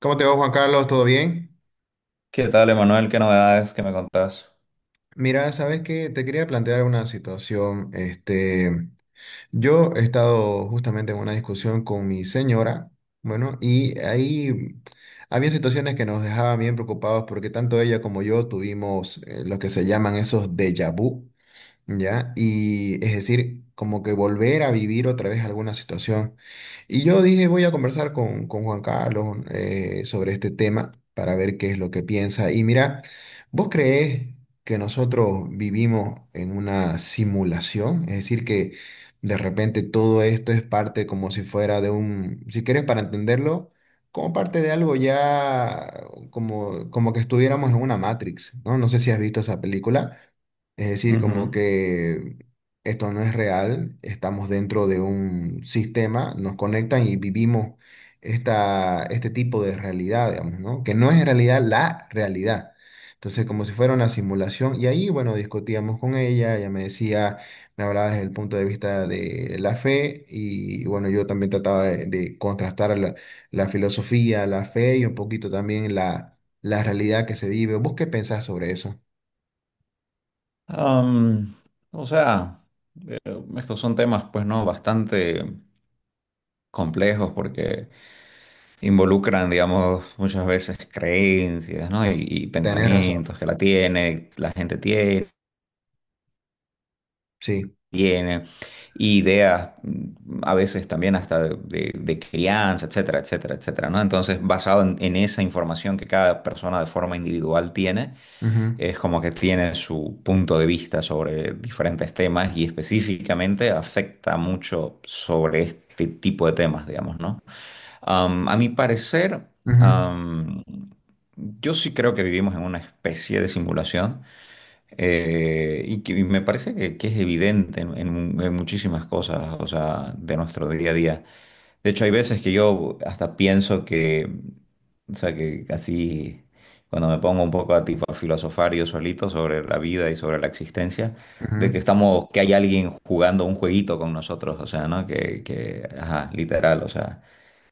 ¿Cómo te va, Juan Carlos? ¿Todo bien? ¿Qué tal, Emanuel? ¿Qué novedades que me contás? Mira, sabes que te quería plantear una situación. Este, yo he estado justamente en una discusión con mi señora, bueno, y ahí había situaciones que nos dejaban bien preocupados porque tanto ella como yo tuvimos lo que se llaman esos déjà vu. ¿Ya? Y es decir, como que volver a vivir otra vez alguna situación. Y yo dije, voy a conversar con Juan Carlos sobre este tema para ver qué es lo que piensa. Y mira, ¿vos creés que nosotros vivimos en una simulación? Es decir, que de repente todo esto es parte como si fuera de un, si querés para entenderlo. Como parte de algo ya, como que estuviéramos en una Matrix, ¿no? No sé si has visto esa película, es decir, como Ujú. que esto no es real, estamos dentro de un sistema, nos conectan y vivimos este tipo de realidad, digamos, ¿no? Que no es en realidad la realidad. Entonces, como si fuera una simulación, y ahí, bueno, discutíamos con ella, ella me decía, me hablaba desde el punto de vista de la fe, y bueno, yo también trataba de contrastar la filosofía, la fe y un poquito también la realidad que se vive. ¿Vos qué pensás sobre eso? Am, o sea, estos son temas, pues, ¿no? Bastante complejos porque involucran, digamos, muchas veces creencias, ¿no? Y Tenés razón, pensamientos que la gente tiene, sí. tiene, y ideas, a veces también hasta de crianza, etcétera, etcétera, etcétera, ¿no? Entonces, basado en esa información que cada persona de forma individual tiene. Ujú, Es como que tiene su punto de vista sobre diferentes temas y específicamente afecta mucho sobre este tipo de temas, digamos, ¿no? A mi parecer, ujú, am, yo sí creo que vivimos en una especie de simulación. Y me parece que es evidente en muchísimas cosas, o sea, de nuestro día a día. De hecho, hay veces que yo hasta pienso que, o sea, que así, cuando me pongo un poco a tipo a filosofar yo solito sobre la vida y sobre la existencia, de ujú. que estamos, que hay alguien jugando un jueguito con nosotros, o sea, ¿no? Que, ajá, literal, o sea,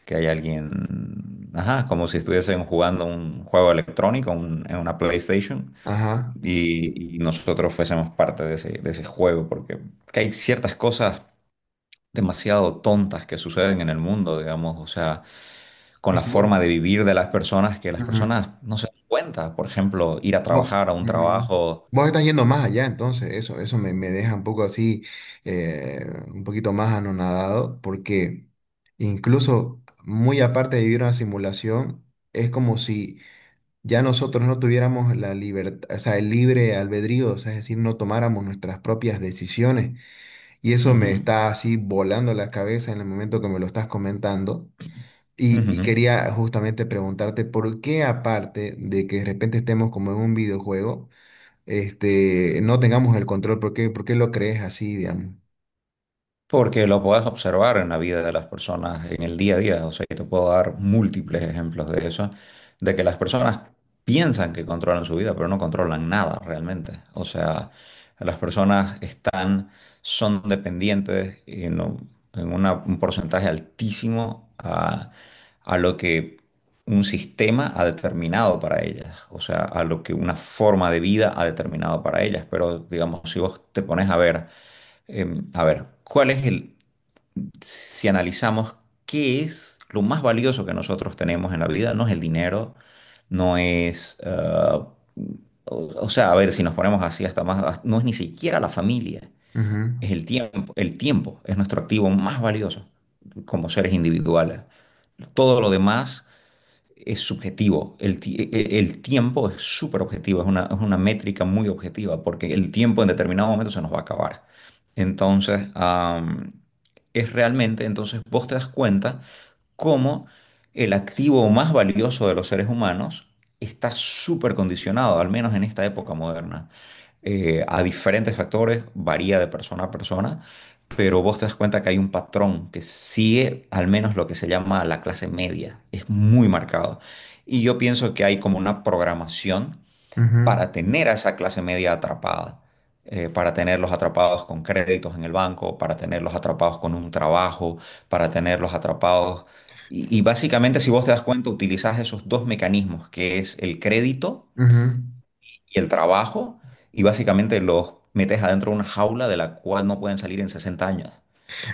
que hay alguien, ajá, como si estuviesen jugando un juego electrónico, en una PlayStation, Ajá. y nosotros fuésemos parte de ese juego, porque que hay ciertas cosas demasiado tontas que suceden en el mundo, digamos, o sea, con O la sea, vos, forma de vivir de las personas que las ujú, personas no se dan cuenta, por ejemplo, ir a vos, trabajar a un ujú. trabajo. Vos estás yendo más allá, entonces eso me, me deja un poco así, eh, un poquito más anonadado, porque incluso muy aparte de vivir una simulación, es como si ya nosotros no tuviéramos la libertad, o sea, el libre albedrío, o sea, es decir, no tomáramos nuestras propias decisiones. Y eso me Ujú, está así volando la cabeza en el momento que me lo estás comentando. Y ujú. quería justamente preguntarte por qué aparte de que de repente estemos como en un videojuego, este, no tengamos el control, ¿ por qué lo crees así, digamos? Porque lo puedes observar en la vida de las personas, en el día a día. O sea, yo te puedo dar múltiples ejemplos de eso, de que las personas piensan que controlan su vida, pero no controlan nada realmente. O sea, las personas están, son dependientes en un porcentaje altísimo a lo que un sistema ha determinado para ellas. O sea, a lo que una forma de vida ha determinado para ellas. Pero, digamos, si vos te pones a ver. A ver, ¿cuál es el, si analizamos qué es lo más valioso que nosotros tenemos en la vida? No es el dinero, no es, o, o sea, a ver, si nos ponemos así hasta más, no es ni siquiera la familia, Ujú, es el tiempo. El tiempo es nuestro activo más valioso como seres individuales. Todo lo demás es subjetivo. El, ti- e- e, el tiempo es súper objetivo, es una métrica muy objetiva, porque el tiempo en determinado momento se nos va a acabar. Entonces, es realmente, entonces vos te das cuenta cómo el activo más valioso de los seres humanos está súper condicionado, al menos en esta época moderna, a diferentes factores, varía de persona a persona. Pero vos te das cuenta que hay un patrón que sigue al menos lo que se llama la clase media, es muy marcado. Y yo pienso que hay como una programación ujú, para tener a esa clase media atrapada, para tenerlos atrapados con créditos en el banco, para tenerlos atrapados con un trabajo, para tenerlos atrapados. Y básicamente, si vos te das cuenta, utilizás esos dos mecanismos, que es el crédito ujú. y el trabajo, y básicamente los metes adentro de una jaula de la cual no pueden salir en 60 años.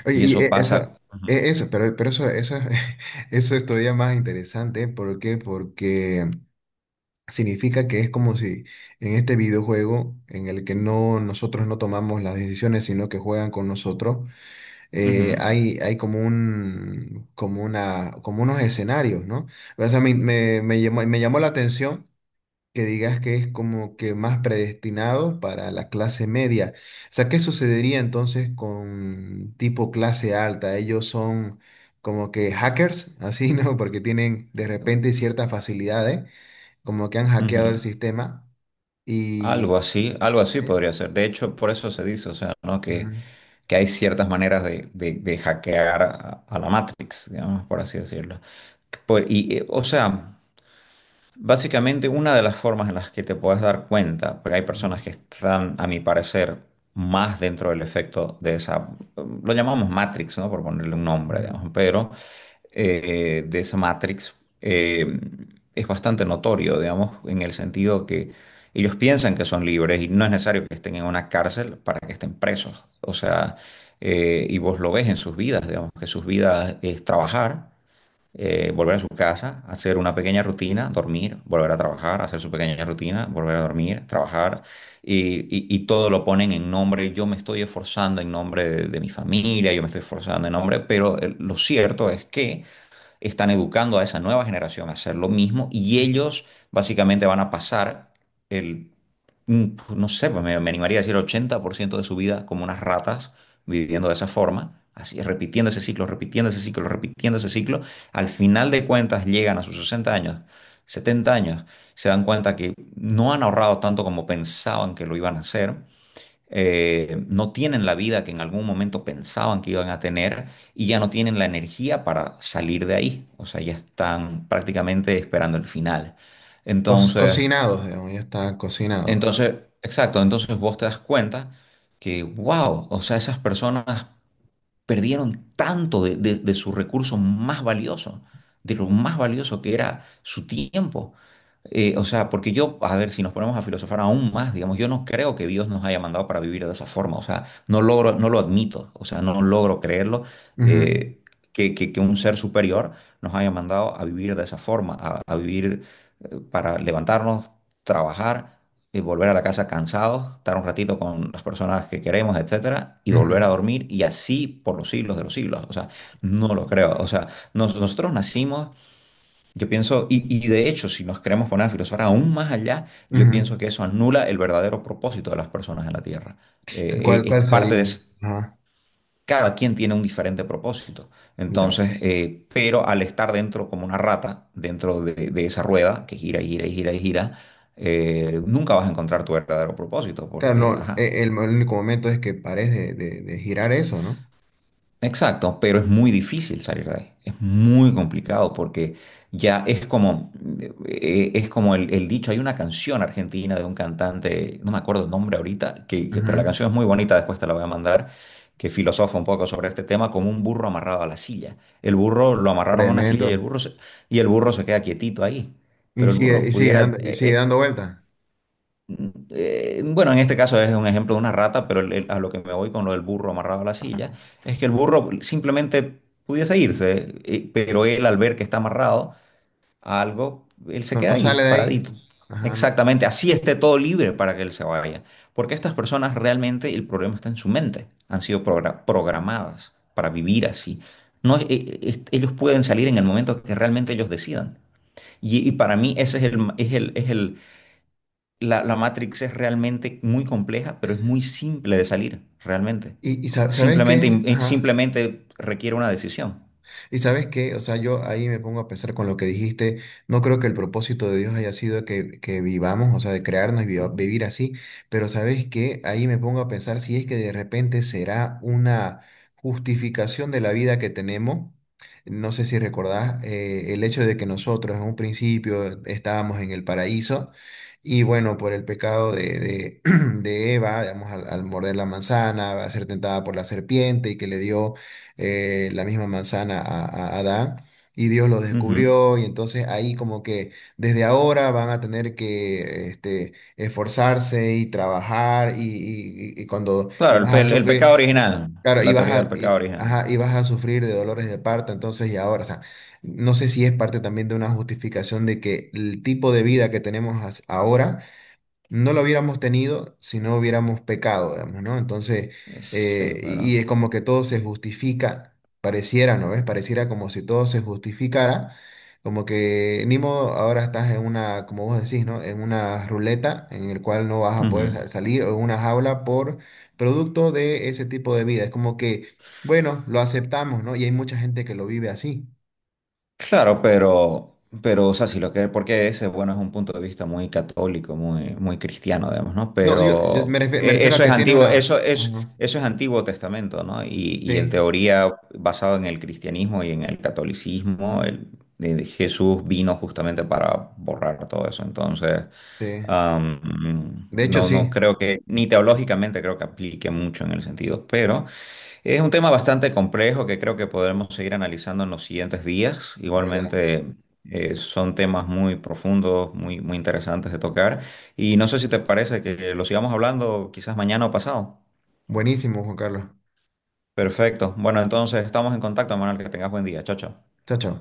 Oye, Y y eso pasa. Ujú, e- eso, pero eso, es- eso es todavía más interesante, ¿por qué? Porque significa que es como si en este videojuego en el que no, nosotros no tomamos las decisiones, sino que juegan con nosotros, hay, hay como un, como una, como unos escenarios, ¿no? O sea, me llamó la atención que digas que es como que más predestinado para la clase media. O sea, ¿qué sucedería entonces con tipo clase alta? Ellos son como que hackers, así, ¿no? Porque tienen de repente ciertas facilidades, como que han ujú, hackeado el ujú. sistema y... Algo así podría ser. De hecho, por eso se dice, o sea, ¿no? Ujú, Que hay ciertas maneras de hackear a la Matrix, digamos, por así decirlo. O sea, básicamente una de las formas en las que te puedes dar cuenta, porque hay ujú, personas que están, a mi parecer, más dentro del efecto de esa, lo llamamos Matrix, ¿no? Por ponerle un nombre, digamos, pero de esa Matrix eh, es bastante notorio, digamos, en el sentido que ellos piensan que son libres y no es necesario que estén en una cárcel para que estén presos. O sea, y vos lo ves en sus vidas, digamos, que sus vidas es trabajar, volver a su casa, hacer una pequeña rutina, dormir, volver a trabajar, hacer su pequeña rutina, volver a dormir, trabajar y, y todo lo ponen en nombre, yo me estoy esforzando en nombre de mi familia, yo me estoy esforzando en nombre, pero lo cierto es que están educando a esa nueva generación a hacer lo mismo y ujú, ujú. ellos básicamente van a pasar el, mm, no sé, pues me animaría a decir 80% de su vida como unas ratas viviendo de esa forma. Así, repitiendo ese ciclo, repitiendo ese ciclo, repitiendo ese ciclo, al final de cuentas llegan a sus 60 años, 70 años, se dan cuenta que no han ahorrado tanto como pensaban que lo iban a hacer. No tienen la vida que en algún momento pensaban que iban a tener y ya no tienen la energía para salir de ahí. O sea, ya están prácticamente esperando el final. Entonces, Cocinados, digamos, ya está cocinado. entonces, exacto, entonces vos te das cuenta que, wow, o sea, esas personas perdieron tanto de su recurso más valioso, de lo más valioso que era su tiempo. O sea, porque yo, a ver, si nos ponemos a filosofar aún más, digamos, yo no creo que Dios nos haya mandado para vivir de esa forma, o sea, no logro, no lo admito, o sea, no logro creerlo, Ujú, eh, que, que un ser superior nos haya mandado a vivir de esa forma, a vivir para levantarnos, trabajar, y volver a la casa cansados, estar un ratito con las personas que queremos, etcétera, y volver ujú, a dormir, y así por los siglos de los siglos. O sea, no lo creo. O sea, nosotros nacimos, yo pienso, y, de hecho, si nos queremos poner a filosofar aún más allá, yo ujú. pienso que eso anula el verdadero propósito de las personas en la Tierra. ¿Cuál, Es cuál parte de, sería? ese- Ajá, Cada quien tiene un diferente propósito. ya. Entonces, pero al estar dentro como una rata, dentro de esa rueda que gira y gira y gira y gira, nunca vas a encontrar tu verdadero propósito Claro, porque, no, ajá. El único momento es que pares de girar eso, ¿no? Exacto, pero es muy difícil salir de ahí. Es muy complicado porque ya es como el dicho, hay una canción argentina de un cantante, no me acuerdo el nombre ahorita, pero la Ujú. canción es muy bonita, después te la voy a mandar, que filosofa un poco sobre este tema, como un burro amarrado a la silla. El burro lo amarraron a una Tremendo. silla y el burro se, y el burro se queda quietito ahí, pero el burro pudiera, Y sigue dando vueltas. Bueno, en este caso es un ejemplo de una rata, pero a lo que me voy con lo del burro amarrado a la silla, es que el burro simplemente pudiese irse, pero él al ver que está amarrado a algo, él se No, queda no ahí, sale de ahí. paradito. Ajá, no. Exactamente, así esté todo libre para que él se vaya. Porque estas personas realmente el problema está en su mente, han sido programadas para vivir así. No, ellos pueden salir en el momento que realmente ellos decidan. Y para mí ese es el, la Matrix es realmente muy compleja, pero es muy simple de salir, realmente. ¿Sabes Simplemente, qué? Ajá. simplemente requiere una decisión. Y sabes qué, o sea, yo ahí me pongo a pensar con lo que dijiste, no creo que el propósito de Dios haya sido que vivamos, o sea, de crearnos y vivir así, pero sabes qué, ahí me pongo a pensar si es que de repente será una justificación de la vida que tenemos. No sé si recordás el hecho de que nosotros en un principio estábamos en el paraíso y bueno, por el pecado de Eva, digamos, al morder la manzana, a ser tentada por la serpiente y que le dio la misma manzana a Adán. Y Dios lo Ujú. descubrió y entonces ahí como que desde ahora van a tener que este, esforzarse y trabajar y Claro, el, vas a el pecado sufrir, original, claro, la teoría del pecado original. ajá, y vas a sufrir de dolores de parto, entonces y ahora, o sea, no sé si es parte también de una justificación de que el tipo de vida que tenemos ahora no lo hubiéramos tenido si no hubiéramos pecado, digamos, ¿no? Entonces, Sí, pero... y es como que todo se justifica, pareciera, ¿no ves? Pareciera como si todo se justificara, como que ni modo, ahora estás en una, como vos decís, ¿no? En una ruleta en el cual no vas a poder ujú. Salir o en una jaula por producto de ese tipo de vida. Es como que, bueno, lo aceptamos, ¿no? Y hay mucha gente que lo vive así. Claro, pero, o sea, si lo que, porque ese, bueno, es un punto de vista muy católico, muy, muy cristiano, digamos, ¿no? No, yo Pero me refiero a que tiene una... Ajá, eso es Antiguo Testamento, ¿no? Y en sí, teoría, basado en el cristianismo y en el catolicismo, Jesús vino justamente para borrar todo eso. Entonces, sí. De hecho, no, no sí. creo que, ni teológicamente creo que aplique mucho en el sentido, pero es un tema bastante complejo que creo que podremos seguir analizando en los siguientes días. ¿Verdad? Igualmente, son temas muy profundos, muy, muy interesantes de tocar. Y no sé si te parece que lo sigamos hablando quizás mañana o pasado. Buenísimo, Juan Carlos. Perfecto. Bueno, entonces estamos en contacto, Manuel. Que tengas buen día. Chao, chao. Chao, chao.